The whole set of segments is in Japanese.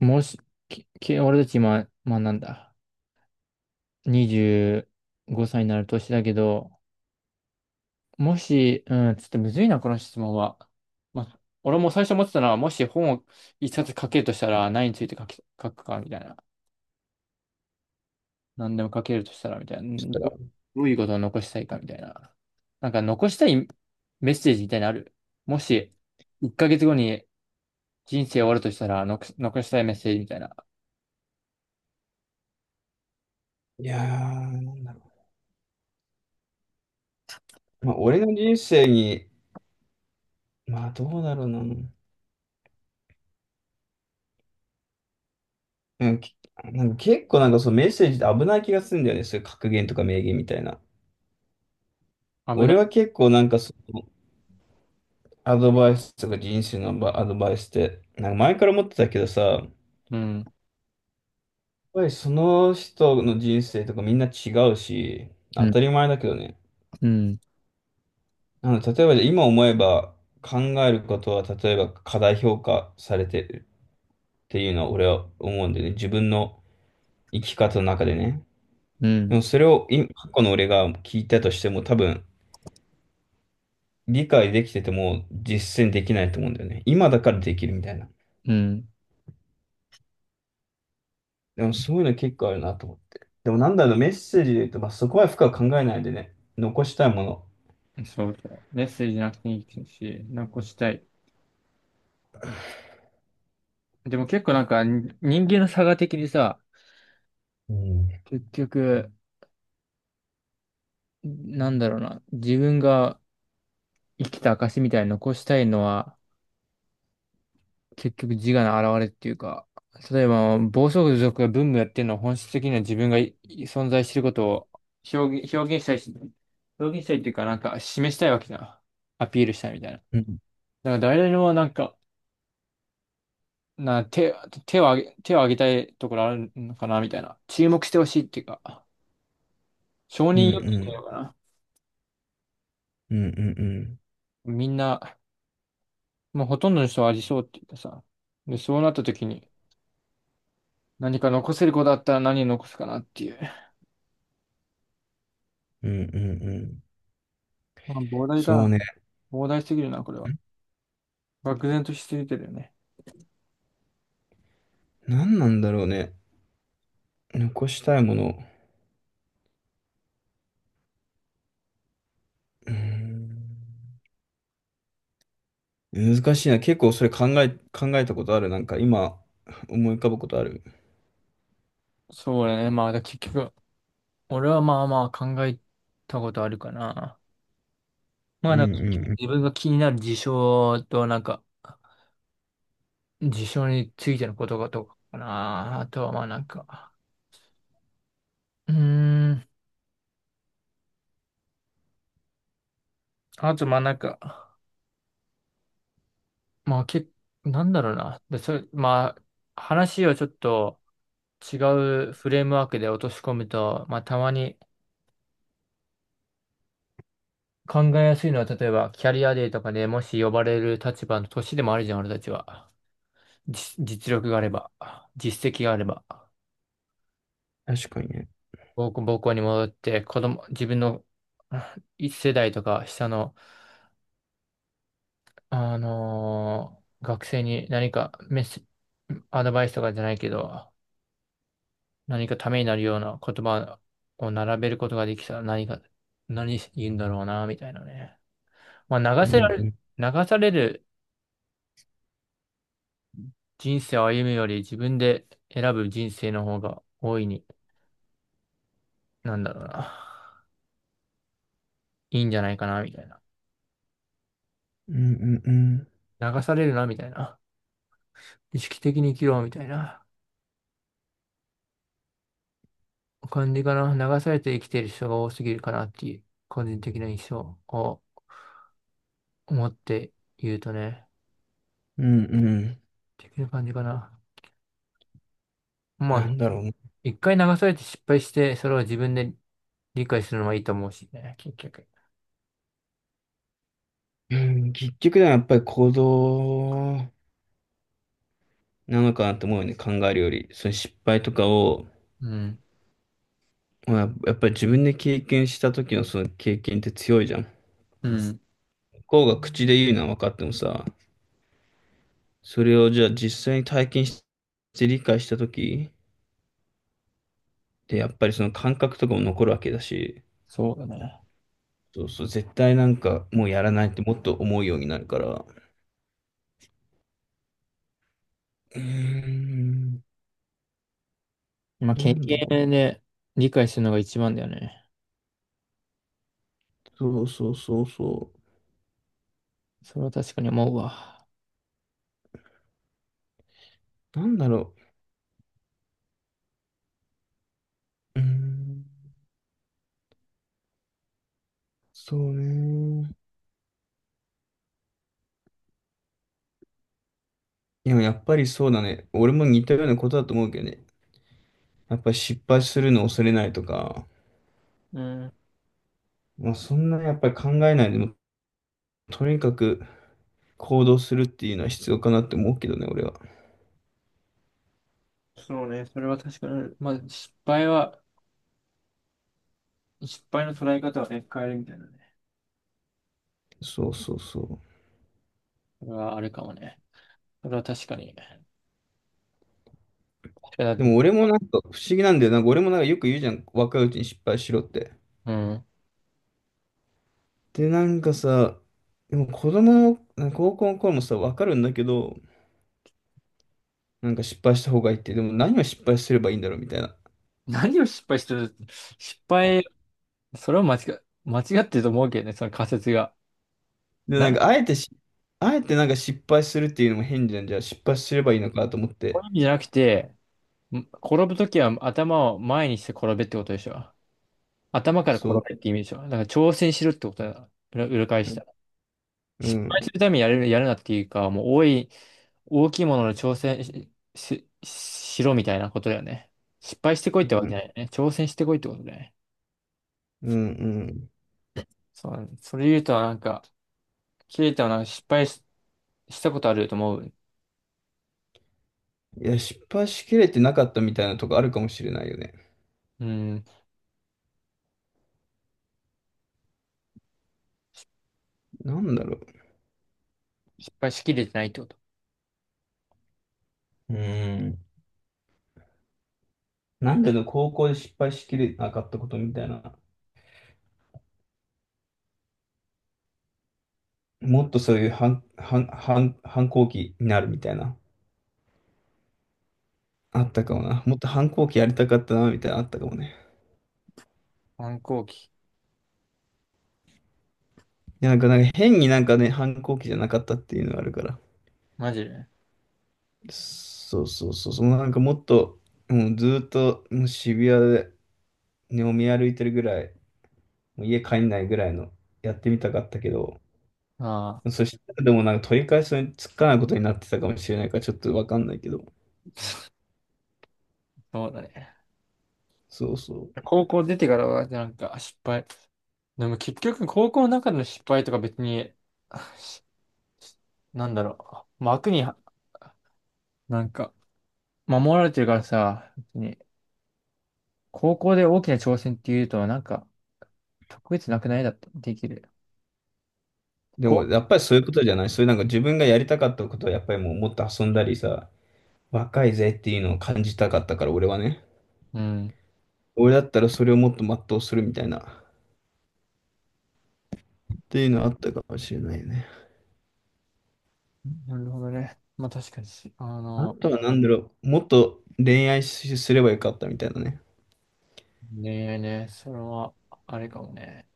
もし、俺たち今、まあなんだ、25歳になる年だけど、もし、うん、ちょっとむずいな、この質問は。まあ、俺も最初思ってたのは、もし本を一冊書けるとしたら、何について書くか、みたいな。何でも書けるとしたら、みたいな。したら。どういうことを残したいか、みたいな。なんか残したいメッセージみたいなのある。もし、1ヶ月後に人生終わるとしたら、残したいメッセージみたいな。いやー、なんだろう。まあ、俺の人生に、まあ、どうだろうな。うんきなんか結構なんかそのメッセージって危ない気がするんだよね。そういう格言とか名言みたいな。危な俺い。は結構なんかそのアドバイスとか人生のアドバイスって、なんか前から思ってたけどさ、やっうん。ぱりその人の人生とかみんな違うし、う当ん。たり前だけどね。うん。あの、例えばじゃあ今思えば考えることは例えば過大評価されてるっていうのは俺は思うんだよね。自分の生き方の中でね。うでもん。それを今、過去の俺が聞いたとしても多分理解できてても実践できないと思うんだよね。今だからできるみたいな。うん。でもそういうの結構あるなと思って。でもなんだろう、メッセージで言うと、まあ、そこは深く考えないでね、残したいもの。そうそう。メッセージなくていいし、なんかこうしたい。でも結構なんかに人間の差が的にさ、うん。結局、なんだろうな、自分が生きた証みたいに残したいのは、結局自我の表れっていうか、例えば暴走族が文武やってるのは本質的には自分が存在してることを表現したいし、表現したいっていうかなんか示したいわけじゃん。アピールしたいみたいな。だかうんら誰でもなんかな、手、手を挙げ、手を挙げたいところあるのかなみたいな。注目してほしいっていうか、承う認ん欲う求というんのかな。うんうんみんな、もうほとんどの人はありそうっていうかさ。で、そうなった時に、何か残せる子だったら何を残すかなっていう。うんうんうんうん。まあ、膨大かそうな。ね。膨大すぎるな、これは。漠然としすぎてるよね。何なんだろうね。残したいもの。うん。難しいな。結構それ考えたことある。なんか今思い浮かぶことある。そうだね。まあ、結局、俺はまあまあ考えたことあるかな。まうあ、ん結局うん自分が気になる事象と、なんか、事象についてのことがとかかな。あとはまあなんか、うーん。あと、まあなんか、まあなんだろうな。で、それ、まあ、話をちょっと違うフレームワークで落とし込むと、まあたまに考えやすいのは、例えばキャリアデーとかでもし呼ばれる立場の年でもあるじゃん、俺たちは。実力があれば、実績があれば、うん。確かにね。母校に戻って、子供、自分の一世代とか下の、学生に何かメッセ、アドバイスとかじゃないけど、何かためになるような言葉を並べることができたら何か、何言うんだろうな、みたいなね。まあ、うんう流んされる人生を歩むより自分で選ぶ人生の方が大いに、なんだろうな、いいんじゃないかな、みたいな。うんうんうん。流されるな、みたいな。意識的に生きろ、みたいな感じかな。流されて生きている人が多すぎるかなっていう、個人的な印象を持って言うとね、うんうん。的な感じかな。まなあんだろうね。一回流されて失敗して、それを自分で理解するのはいいと思うしね、結局。うん。結局でやっぱり行動なのかなと思うよね。考えるより。その失敗とかを、うん。まあ、やっぱり自分で経験した時のその経験って強いじゃん。向うん。こうが口で言うのは分かってもさ、それをじゃあ実際に体験して理解した時でやっぱりその感覚とかも残るわけだし、そうだね。そうそう、絶対なんかもうやらないってもっと思うようになるから。うーん。まあ、経なんだろう。験で理解するのが一番だよね。そうそうそうそそれは確かに思うわ。う。なんだろう。うーん。そうね。でもやっぱりそうだね。俺も似たようなことだと思うけどね。やっぱり失敗するのを恐れないとか、うん。まあそんなやっぱり考えないでも、とにかく行動するっていうのは必要かなって思うけどね、俺は。そうね。それは確かに。まあ、失敗は、失敗の捉え方はね、変えるみたいなね。そうそうそう。それはあるかもね。それは確かに。確かにだでっもて、俺もなんか不思議なんだよ。なんか俺もなんかよく言うじゃん。若いうちに失敗しろって。うん。で、なんかさ、でも子供の、なんか高校の頃もさ、わかるんだけど、なんか失敗した方がいいって、でも何を失敗すればいいんだろうみたいな。何を失敗してる失敗、それは間違ってると思うけどね、その仮説が。で、なん何、かあえてし、あえてなんか失敗するっていうのも変じゃん。じゃあ失敗すればいいのかと思っこういて。う意味じゃなくて、転ぶときは頭を前にして転べってことでしょ。頭から転そう。べって意味でしょ。だから挑戦しろってことだ。裏、裏返うしん。た。う失敗ん。するためにやるなっていうか、もう大きいものの挑戦しろみたいなことだよね。失敗してこいってわけじゃないよね。挑戦してこいってことだよね。うん。うん。そうだね、それ言うとなんか、切れたはなんか失敗し、したことあると思う。いや、失敗しきれてなかったみたいなとこあるかもしれないよね。うん。なんだろ失敗しきれてないってこと。う。うん。なんでの高校で失敗しきれなかったことみたいな。もっとそういう反抗期になるみたいな。あったかもな。もっと反抗期やりたかったな、みたいなあったかもね。反抗期。いや、なんか変になんかね、反抗期じゃなかったっていうのがあるから。マジで。そうそうそう、そのなんかもっと、もうずーっともう渋谷で飲み歩いてるぐらい、もう家帰んないぐらいのやってみたかったけど、ああ、そしたらでもなんか取り返しにつかないことになってたかもしれないからちょっとわかんないけど、そうだね。そうそう。高校出てからはなんか失敗。でも結局高校の中での失敗とか別に、しなんだろう、枠には、なんか、守られてるからさ、別に、高校で大きな挑戦っていうと、なんか、特別なくないだって、できる。でこもやっぱりそういうことじゃない、そういうなんか自分がやりたかったことはやっぱりもうもっと遊んだりさ、若いぜっていうのを感じたかったから俺はね、うん。俺だったらそれをもっと全うするみたいな。っていうのあったかもしれないね。なるほどね。まあ確かにあとは何だろう、もっと恋愛すればよかったみたいなね。恋愛ね、それは、あれかもね。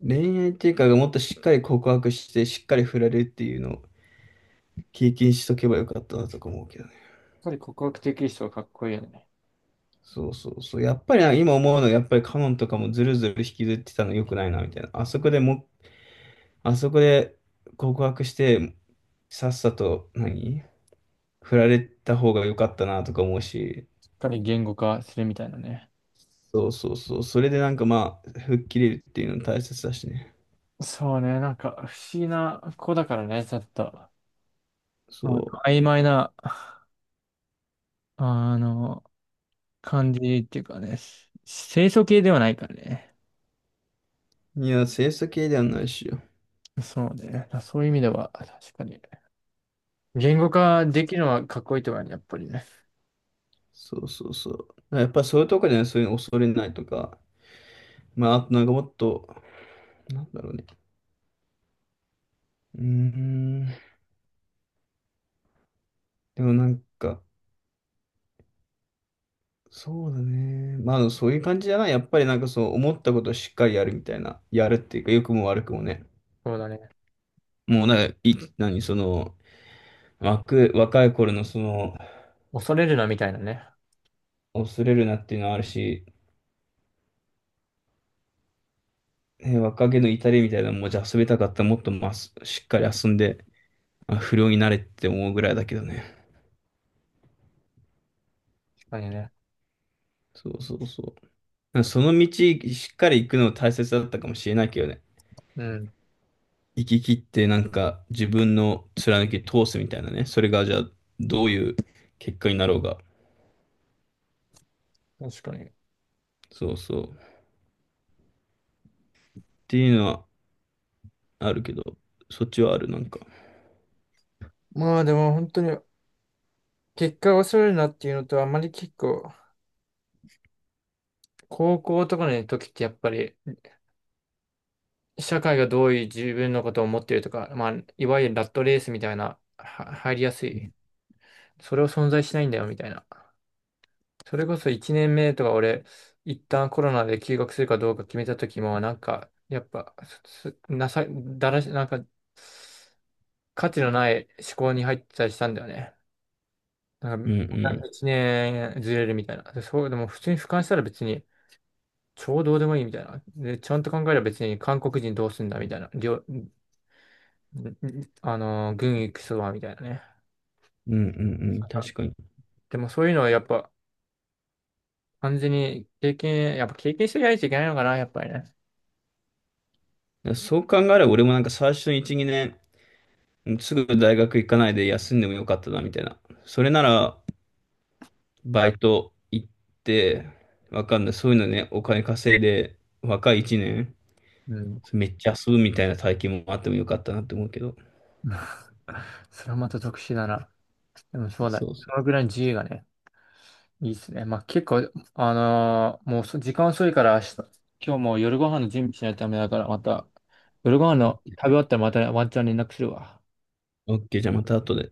恋愛っていうか、もっとしっかり告白して、しっかり振られるっていうのを経験しとけばよかったなとか思うけどね。やっぱり告白できる人はかっこいいよね。そうそうそう。やっぱりな今思うのは、やっぱりカノンとかもずるずる引きずってたの良くないな、みたいな。あそこでも、あそこで告白して、さっさと何、振られた方が良かったなとか思うし、しっかり言語化するみたいなね。そうそうそう。それでなんかまあ、吹っ切れるっていうの大切だしね。そうね、なんか、不思議な子だからね、ちょっと。なんそかう。曖昧なあの、感じっていうかね、清楚系ではないからね。いや、清楚系ではないしよ。そうね。そういう意味では、確かに。言語化できるのはかっこいいとかね、やっぱりね。そうそうそう。やっぱそういうとこじゃない、そういうの恐れないとか。まあ、あとなんかもっと、なんだろうね。うーん。でもなんか、そうだね。まあ、でもそういう感じじゃない。やっぱりなんかそう、思ったことをしっかりやるみたいな。やるっていうか、良くも悪くもね。そうだね。もうなんか、その、若い頃のその、恐れるなみたいなね。恐れるなっていうのはあるし、ね、若気の至りみたいなのも、じゃあ遊びたかったらもっとまあ、しっかり遊んで、まあ、不良になれって思うぐらいだけどね。確かにね。そうそうそう。その道しっかり行くの大切だったかもしれないけどね。うん。行き切ってなんか自分の貫き通すみたいなね。それがじゃあどういう結果になろうが。確かに。そうそう。っていうのはあるけど、そっちはあるなんか。まあでも本当に、結果を恐れるなっていうのと、あまり結構、高校とかの時ってやっぱり、社会がどういう自分のことを思ってるとか、まあ、いわゆるラットレースみたいな、は入りやすい。それを存在しないんだよみたいな。それこそ1年目とか俺、一旦コロナで休学するかどうか決めた時も、なんか、やっぱ、すなさ、だらし、なんか、価値のない思考に入ってたりしたんだよね。なんうか、んうん。1年ずれるみたいな。で、そう、でも普通に俯瞰したら別に、超どうでもいいみたいな。で、ちゃんと考えれば別に韓国人どうすんだみたいな。りょ、んん、軍行くそばみたいなね。うんうんうん。確かに。だかでもそういうのはやっぱ、完全に経験、やっぱ経験してないといけないのかな、やっぱりね。らそう考えれば俺もなんか最初の1、2年、すぐ大学行かないで休んでもよかったなみたいな。それならバイト行って、わかんない。そういうのね、お金稼いで、若い1年、うん めっちゃ遊ぶみたいな体験もあってもよかったなって思うけど。それはまた特殊だな。でもそうだ。そうそそのぐらいの自由がね、いいっすね。まあ結構、もう時間遅いから明日、今日もう夜ご飯の準備しないとダメだから、また、夜ご飯の食べ終わったらまたワンチャン連絡するわ。う。OK、じゃあまた後で。